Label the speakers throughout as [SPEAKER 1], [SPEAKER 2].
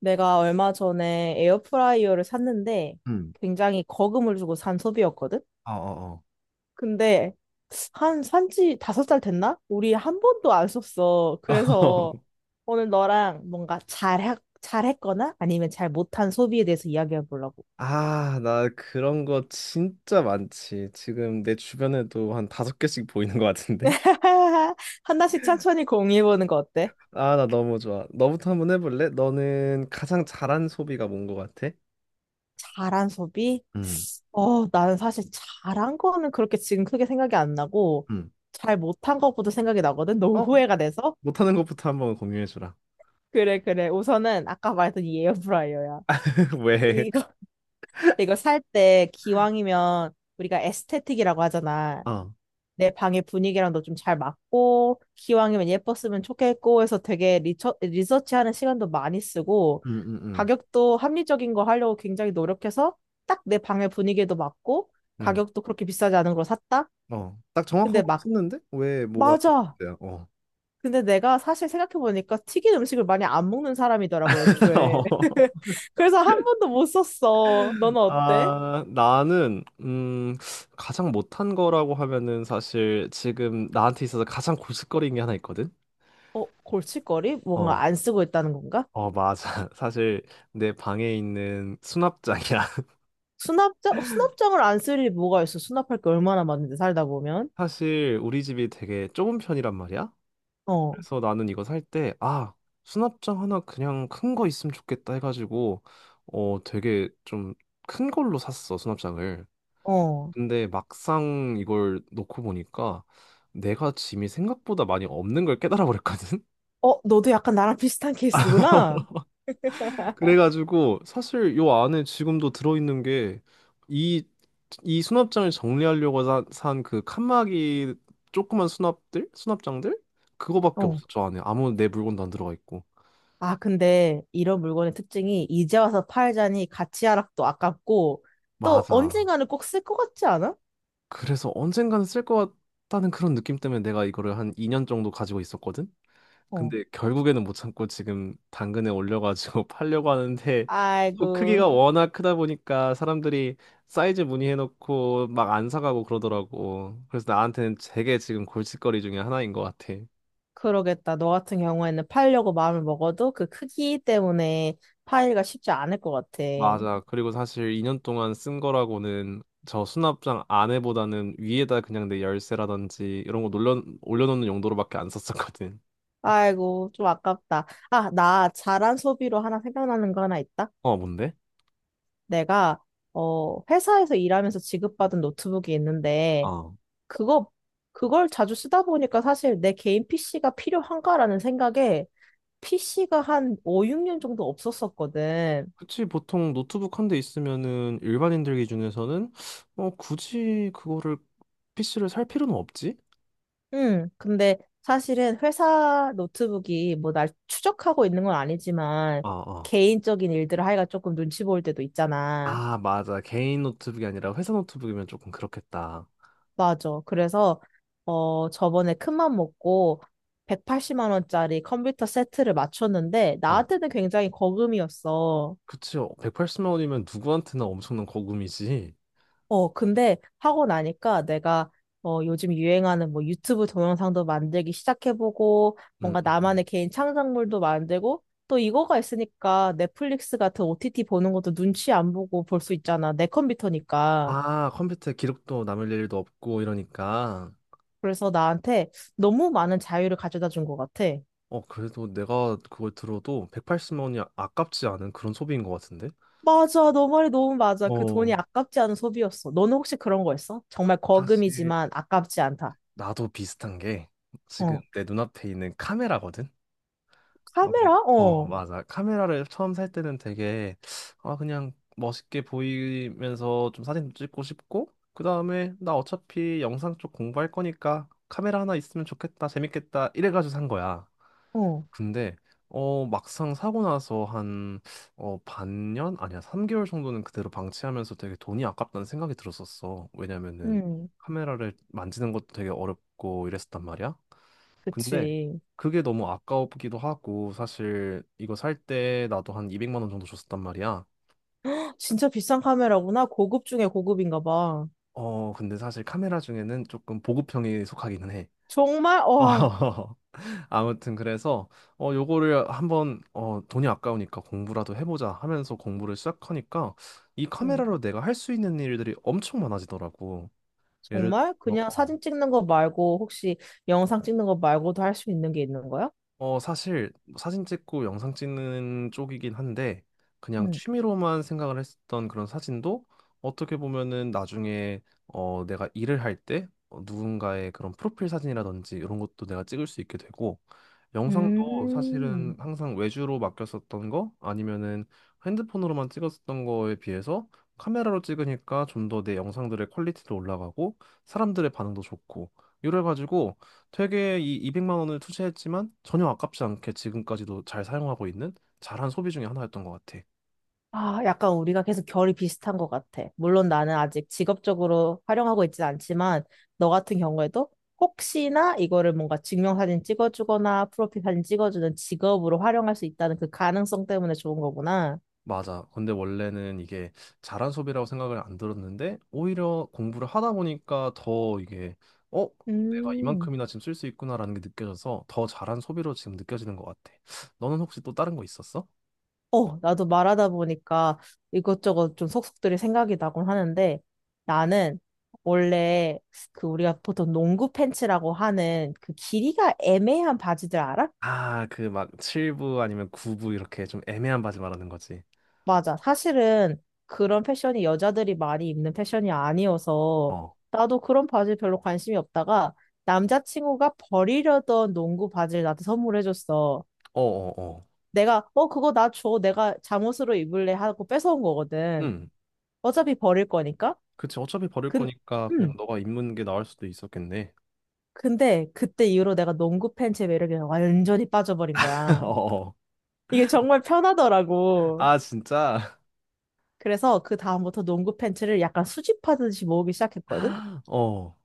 [SPEAKER 1] 내가 얼마 전에 에어프라이어를 샀는데
[SPEAKER 2] 음.
[SPEAKER 1] 굉장히 거금을 주고 산 소비였거든?
[SPEAKER 2] 어, 어, 어.
[SPEAKER 1] 근데 한 산지 5살 됐나? 우리 한 번도 안 썼어. 그래서 오늘 너랑 뭔가 잘했거나 아니면 잘 못한 소비에 대해서 이야기해 보려고.
[SPEAKER 2] 아, 나 그런 거 진짜 많지. 지금 내 주변에도 한 다섯 개씩 보이는 것 같은데?
[SPEAKER 1] 하나씩 천천히 공유해 보는 거 어때?
[SPEAKER 2] 아, 나 너무 좋아. 너부터 한번 해볼래? 너는 가장 잘한 소비가 뭔 것 같아?
[SPEAKER 1] 잘한 소비?
[SPEAKER 2] 음.
[SPEAKER 1] 나는 사실 잘한 거는 그렇게 지금 크게 생각이 안 나고
[SPEAKER 2] 음.
[SPEAKER 1] 잘 못한 것보다 생각이 나거든? 너무
[SPEAKER 2] 어?
[SPEAKER 1] 후회가 돼서.
[SPEAKER 2] 못하는 것부터 한번 공유해주라.
[SPEAKER 1] 그래, 그래. 우선은 아까 말했던 이 에어프라이어야.
[SPEAKER 2] 왜?
[SPEAKER 1] 이거, 이거 살 때 기왕이면 우리가 에스테틱이라고 하잖아.
[SPEAKER 2] 어.
[SPEAKER 1] 내 방의 분위기랑도 좀 잘 맞고, 기왕이면 예뻤으면 좋겠고 해서 되게 리서치하는 시간도 많이 쓰고,
[SPEAKER 2] 음, 음, 음.
[SPEAKER 1] 가격도 합리적인 거 하려고 굉장히 노력해서 딱 내 방의 분위기에도 맞고,
[SPEAKER 2] 음.
[SPEAKER 1] 가격도 그렇게 비싸지 않은 걸 샀다?
[SPEAKER 2] 어. 딱
[SPEAKER 1] 근데
[SPEAKER 2] 정확한 거
[SPEAKER 1] 막,
[SPEAKER 2] 썼는데? 왜 뭐가
[SPEAKER 1] 맞아!
[SPEAKER 2] 문제야? 어.
[SPEAKER 1] 근데 내가 사실 생각해보니까 튀긴 음식을 많이 안 먹는 사람이더라고, 애초에.
[SPEAKER 2] 어.
[SPEAKER 1] 그래서 한 번도 못 썼어. 너는 어때?
[SPEAKER 2] 아, 나는 가장 못한 거라고 하면은 사실 지금 나한테 있어서 가장 고슬거리는 게 하나 있거든.
[SPEAKER 1] 골칫거리? 뭔가
[SPEAKER 2] 어,
[SPEAKER 1] 안 쓰고 있다는 건가?
[SPEAKER 2] 어, 맞아. 사실 내 방에 있는 수납장이야.
[SPEAKER 1] 수납장? 수납장을 안 쓸 일이 뭐가 있어? 수납할 게 얼마나 많은데, 살다 보면.
[SPEAKER 2] 사실 우리 집이 되게 좁은 편이란 말이야.
[SPEAKER 1] 어,
[SPEAKER 2] 그래서 나는 이거 살 때, 아, 수납장 하나 그냥 큰 거 있으면 좋겠다 해가지고, 어, 되게 좀 큰 걸로 샀어, 수납장을.
[SPEAKER 1] 어.
[SPEAKER 2] 근데 막상 이걸 놓고 보니까 내가 짐이 생각보다 많이 없는 걸 깨달아 버렸거든.
[SPEAKER 1] 너도 약간 나랑 비슷한 케이스구나?
[SPEAKER 2] 그래가지고 사실 요 안에 지금도 들어있는 게 이 이 수납장을 정리하려고 산 그 칸막이 조그만 수납들 수납장들 그거밖에
[SPEAKER 1] 어.
[SPEAKER 2] 없어. 저 안에 아무 내 물건도 안 들어가 있고.
[SPEAKER 1] 아, 근데 이런 물건의 특징이 이제 와서 팔자니 가치 하락도 아깝고 또
[SPEAKER 2] 맞아.
[SPEAKER 1] 언젠가는 꼭 쓸 것 같지 않아?
[SPEAKER 2] 그래서 언젠가는 쓸 것 같다는 그런 느낌 때문에 내가 이거를 한 2년 정도 가지고 있었거든.
[SPEAKER 1] 어.
[SPEAKER 2] 근데 결국에는 못 참고 지금 당근에 올려가지고 팔려고 하는데 또
[SPEAKER 1] 아이고.
[SPEAKER 2] 크기가 워낙 크다 보니까 사람들이 사이즈 문의해놓고 막 안 사가고 그러더라고. 그래서 나한테는 되게 지금 골칫거리 중에 하나인 것 같아.
[SPEAKER 1] 그러겠다. 너 같은 경우에는 팔려고 마음을 먹어도 그 크기 때문에 파기가 쉽지 않을 것 같아.
[SPEAKER 2] 맞아. 그리고 사실 2년 동안 쓴 거라고는 저 수납장 안에보다는 위에다 그냥 내 열쇠라든지 이런 거 올려놓는 용도로밖에 안 썼었거든.
[SPEAKER 1] 아이고, 좀 아깝다. 아, 나 잘한 소비로 하나 생각나는 거 하나 있다.
[SPEAKER 2] 어, 뭔데?
[SPEAKER 1] 내가, 회사에서 일하면서 지급받은 노트북이 있는데,
[SPEAKER 2] 어.
[SPEAKER 1] 그거, 그걸 자주 쓰다 보니까 사실 내 개인 PC가 필요한가라는 생각에 PC가 한 5, 6년 정도 없었었거든.
[SPEAKER 2] 그치, 보통 노트북 한 대 있으면은 일반인들 기준에서는 굳이 그거를 PC를 살 필요는 없지?
[SPEAKER 1] 응, 근데 사실은 회사 노트북이 뭐 날 추적하고 있는 건 아니지만
[SPEAKER 2] 어, 어.
[SPEAKER 1] 개인적인 일들을 하기가 조금 눈치 보일 때도 있잖아.
[SPEAKER 2] 아, 맞아. 개인 노트북이 아니라 회사 노트북이면 조금 그렇겠다.
[SPEAKER 1] 맞아. 그래서 저번에 큰맘 먹고 180만 원짜리 컴퓨터 세트를 맞췄는데
[SPEAKER 2] 아,
[SPEAKER 1] 나한테는 굉장히 거금이었어.
[SPEAKER 2] 그치, 180만 원이면 누구한테나 엄청난 거금이지.
[SPEAKER 1] 근데 하고 나니까 내가 요즘 유행하는 뭐 유튜브 동영상도 만들기 시작해보고
[SPEAKER 2] 음,
[SPEAKER 1] 뭔가
[SPEAKER 2] 음, 음.
[SPEAKER 1] 나만의 개인 창작물도 만들고 또 이거가 있으니까 넷플릭스 같은 OTT 보는 것도 눈치 안 보고 볼 수 있잖아. 내 컴퓨터니까.
[SPEAKER 2] 아, 컴퓨터에 기록도 남을 일도 없고 이러니까.
[SPEAKER 1] 그래서 나한테 너무 많은 자유를 가져다 준 것 같아.
[SPEAKER 2] 어, 그래도 내가 그걸 들어도 180만 원이 아깝지 않은 그런 소비인 것 같은데?
[SPEAKER 1] 맞아. 너 말이 너무 맞아. 그 돈이
[SPEAKER 2] 어,
[SPEAKER 1] 아깝지 않은 소비였어. 너는 혹시 그런 거 있어? 정말
[SPEAKER 2] 사실
[SPEAKER 1] 거금이지만 아깝지 않다.
[SPEAKER 2] 나도 비슷한 게 지금
[SPEAKER 1] 어.
[SPEAKER 2] 내 눈앞에 있는 카메라거든. 어, 네.
[SPEAKER 1] 카메라?
[SPEAKER 2] 어,
[SPEAKER 1] 어.
[SPEAKER 2] 맞아. 카메라를 처음 살 때는 되게 아 그냥 멋있게 보이면서 좀 사진도 찍고 싶고 그다음에 나 어차피 영상 쪽 공부할 거니까 카메라 하나 있으면 좋겠다. 재밌겠다. 이래 가지고 산 거야.
[SPEAKER 1] 어.
[SPEAKER 2] 근데 막상 사고 나서 한어 반년 아니야 3개월 정도는 그대로 방치하면서 되게 돈이 아깝다는 생각이 들었었어. 왜냐면은
[SPEAKER 1] 음.
[SPEAKER 2] 카메라를 만지는 것도 되게 어렵고 이랬었단 말이야. 근데
[SPEAKER 1] 그치.
[SPEAKER 2] 그게 너무 아까우기도 하고 사실 이거 살 때 나도 한 200만 원 정도 줬었단 말이야.
[SPEAKER 1] 진짜 비싼 카메라구나. 고급 중에 고급인가 봐.
[SPEAKER 2] 어, 근데 사실 카메라 중에는 조금 보급형에 속하기는 해.
[SPEAKER 1] 정말, 와,
[SPEAKER 2] 아무튼 그래서 요거를 한번 돈이 아까우니까 공부라도 해보자 하면서 공부를 시작하니까 이
[SPEAKER 1] 응.
[SPEAKER 2] 카메라로 내가 할 수 있는 일들이 엄청 많아지더라고. 예를
[SPEAKER 1] 정말?
[SPEAKER 2] 들어
[SPEAKER 1] 그냥 사진 찍는 거 말고, 혹시 영상 찍는 거 말고도 할 수 있는 게 있는 거야?
[SPEAKER 2] 사실 사진 찍고 영상 찍는 쪽이긴 한데 그냥
[SPEAKER 1] 응.
[SPEAKER 2] 취미로만 생각을 했었던 그런 사진도 어떻게 보면은 나중에 내가 일을 할때 누군가의 그런 프로필 사진이라든지 이런 것도 내가 찍을 수 있게 되고 영상도
[SPEAKER 1] 음,
[SPEAKER 2] 사실은 항상 외주로 맡겼었던 거 아니면은 핸드폰으로만 찍었었던 거에 비해서 카메라로 찍으니까 좀 더 내 영상들의 퀄리티도 올라가고 사람들의 반응도 좋고 이래가지고 되게 이 200만 원을 투자했지만 전혀 아깝지 않게 지금까지도 잘 사용하고 있는 잘한 소비 중에 하나였던 것 같아.
[SPEAKER 1] 아, 약간 우리가 계속 결이 비슷한 것 같아. 물론 나는 아직 직업적으로 활용하고 있진 않지만, 너 같은 경우에도 혹시나 이거를 뭔가 증명사진 찍어주거나 프로필 사진 찍어주는 직업으로 활용할 수 있다는 그 가능성 때문에 좋은 거구나.
[SPEAKER 2] 맞아. 근데 원래는 이게 잘한 소비라고 생각을 안 들었는데 오히려 공부를 하다 보니까 더 이게 어? 내가
[SPEAKER 1] 음.
[SPEAKER 2] 이만큼이나 지금 쓸 수 있구나라는 게 느껴져서 더 잘한 소비로 지금 느껴지는 것 같아. 너는 혹시 또 다른 거 있었어?
[SPEAKER 1] 나도 말하다 보니까 이것저것 좀 속속들이 생각이 나곤 하는데 나는 원래 그 우리가 보통 농구 팬츠라고 하는 그 길이가 애매한 바지들 알아?
[SPEAKER 2] 아, 그 막 7부 아니면 9부 이렇게 좀 애매한 바지 말하는 거지.
[SPEAKER 1] 맞아. 사실은 그런 패션이 여자들이 많이 입는 패션이 아니어서
[SPEAKER 2] 어.
[SPEAKER 1] 나도 그런 바지 별로 관심이 없다가 남자친구가 버리려던 농구 바지를 나한테 선물해줬어.
[SPEAKER 2] 어어어.
[SPEAKER 1] 내가 그거 나 줘. 내가 잠옷으로 입을래 하고 뺏어온 거거든. 어차피 버릴 거니까.
[SPEAKER 2] 그치, 어차피 버릴
[SPEAKER 1] 근,
[SPEAKER 2] 거니까 그냥
[SPEAKER 1] 음.
[SPEAKER 2] 너가 입는 게 나을 수도 있었겠네.
[SPEAKER 1] 근데 그때 이후로 내가 농구 팬츠의 매력에 완전히 빠져버린 거야.
[SPEAKER 2] 어,
[SPEAKER 1] 이게 정말 편하더라고.
[SPEAKER 2] 아, 진짜?
[SPEAKER 1] 그래서 그 다음부터 농구 팬츠를 약간 수집하듯이 모으기 시작했거든?
[SPEAKER 2] 어,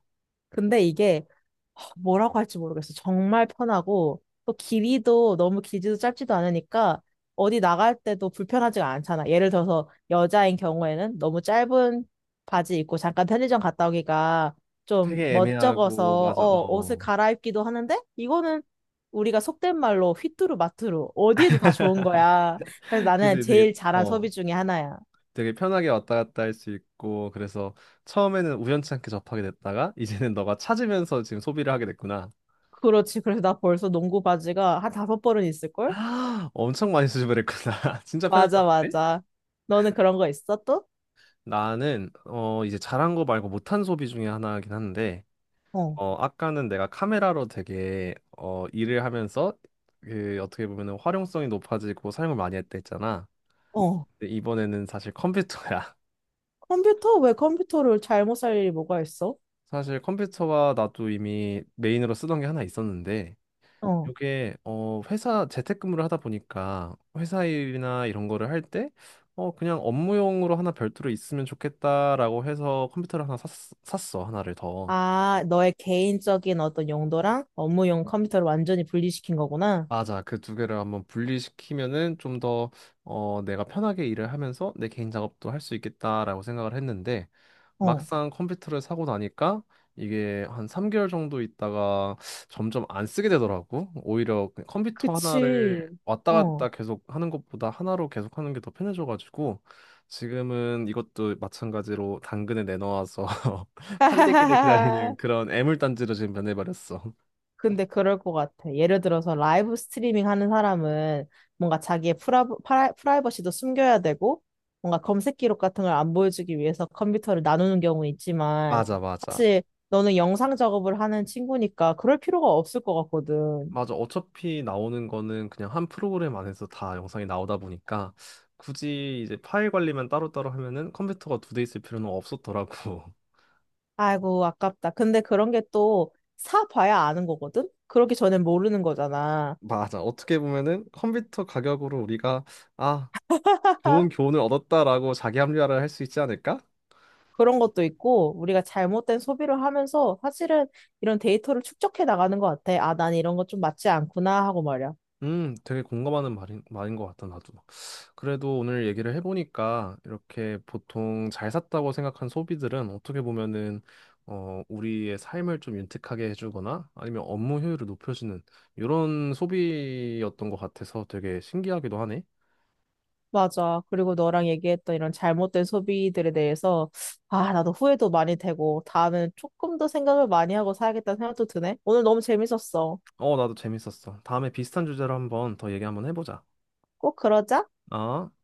[SPEAKER 1] 근데 이게 하, 뭐라고 할지 모르겠어. 정말 편하고 또 길이도 너무 길지도 짧지도 않으니까 어디 나갈 때도 불편하지가 않잖아. 예를 들어서 여자인 경우에는 너무 짧은 바지 입고 잠깐 편의점 갔다 오기가 좀
[SPEAKER 2] 되게 애매하고,
[SPEAKER 1] 멋쩍어서
[SPEAKER 2] 맞아,
[SPEAKER 1] 옷을
[SPEAKER 2] 어.
[SPEAKER 1] 갈아입기도 하는데 이거는 우리가 속된 말로 휘뚜루 마뚜루 어디에도 다 좋은 거야. 그래서 나는
[SPEAKER 2] 그치, 되게,
[SPEAKER 1] 제일 잘한 소비
[SPEAKER 2] 어,
[SPEAKER 1] 중에 하나야.
[SPEAKER 2] 되게 편하게 왔다 갔다 할 수 있고, 그래서 처음에는 우연치 않게 접하게 됐다가, 이제는 너가 찾으면서 지금 소비를 하게 됐구나.
[SPEAKER 1] 그렇지. 그래서 나 벌써 농구 바지가 한 다섯 벌은 있을걸?
[SPEAKER 2] 엄청 많이 수집을 했구나. 진짜 편했나
[SPEAKER 1] 맞아,
[SPEAKER 2] 보네.
[SPEAKER 1] 맞아. 너는 그런 거 있어, 또?
[SPEAKER 2] 나는, 이제 잘한 거 말고 못한 소비 중에 하나긴 한데,
[SPEAKER 1] 어,
[SPEAKER 2] 아까는 내가 카메라로 되게 일을 하면서 그 어떻게 보면은 활용성이 높아지고 사용을 많이 했다 했잖아.
[SPEAKER 1] 어.
[SPEAKER 2] 근데 이번에는 사실 컴퓨터야.
[SPEAKER 1] 컴퓨터? 왜 컴퓨터를 잘못 살 일이 뭐가 있어?
[SPEAKER 2] 사실 컴퓨터와 나도 이미 메인으로 쓰던 게 하나 있었는데
[SPEAKER 1] 어,
[SPEAKER 2] 이게 회사 재택근무를 하다 보니까 회사 일이나 이런 거를 할 때 그냥 업무용으로 하나 별도로 있으면 좋겠다라고 해서 컴퓨터를 하나 샀어. 하나를 더.
[SPEAKER 1] 아, 너의 개인적인 어떤 용도랑 업무용 컴퓨터를 완전히 분리시킨 거구나.
[SPEAKER 2] 맞아. 그 두 개를 한번 분리시키면은 좀 더, 내가 편하게 일을 하면서 내 개인 작업도 할 수 있겠다라고 생각을 했는데,
[SPEAKER 1] 어,
[SPEAKER 2] 막상 컴퓨터를 사고 나니까 이게 한 3개월 정도 있다가 점점 안 쓰게 되더라고. 오히려 그 컴퓨터 하나를
[SPEAKER 1] 그치.
[SPEAKER 2] 왔다
[SPEAKER 1] 어.
[SPEAKER 2] 갔다 계속 하는 것보다 하나로 계속 하는 게 더 편해져가지고, 지금은 이것도 마찬가지로 당근에 내놓아서 팔리기를 기다리는 그런 애물단지로 지금 변해버렸어.
[SPEAKER 1] 근데 그럴 것 같아. 예를 들어서 라이브 스트리밍 하는 사람은 뭔가 자기의 프라이버시도 숨겨야 되고, 뭔가 검색 기록 같은 걸 안 보여주기 위해서 컴퓨터를 나누는 경우는 있지만,
[SPEAKER 2] 맞아, 맞아.
[SPEAKER 1] 사실 너는 영상 작업을 하는 친구니까 그럴 필요가 없을 것 같거든.
[SPEAKER 2] 맞아. 어차피 나오는 거는 그냥 한 프로그램 안에서 다 영상이 나오다 보니까 굳이 이제 파일 관리만 따로따로 하면은 컴퓨터가 두 대 있을 필요는 없었더라고.
[SPEAKER 1] 아이고, 아깝다. 근데 그런 게 또 사봐야 아는 거거든? 그러기 전엔 모르는 거잖아.
[SPEAKER 2] 맞아. 어떻게 보면은 컴퓨터 가격으로 우리가 아, 좋은 교훈을 얻었다라고 자기 합리화를 할 수 있지 않을까?
[SPEAKER 1] 그런 것도 있고, 우리가 잘못된 소비를 하면서 사실은 이런 데이터를 축적해 나가는 것 같아. 아, 난 이런 거 좀 맞지 않구나 하고 말이야.
[SPEAKER 2] 되게 공감하는 말인 것 같다, 나도. 그래도 오늘 얘기를 해보니까 이렇게 보통 잘 샀다고 생각한 소비들은 어떻게 보면은, 우리의 삶을 좀 윤택하게 해주거나 아니면 업무 효율을 높여주는 이런 소비였던 것 같아서 되게 신기하기도 하네.
[SPEAKER 1] 맞아. 그리고 너랑 얘기했던 이런 잘못된 소비들에 대해서, 아, 나도 후회도 많이 되고, 다음에는 조금 더 생각을 많이 하고 사야겠다는 생각도 드네. 오늘 너무 재밌었어.
[SPEAKER 2] 어, 나도 재밌었어. 다음에 비슷한 주제로 한번 더 얘기 한번 해보자.
[SPEAKER 1] 꼭 그러자.
[SPEAKER 2] 아.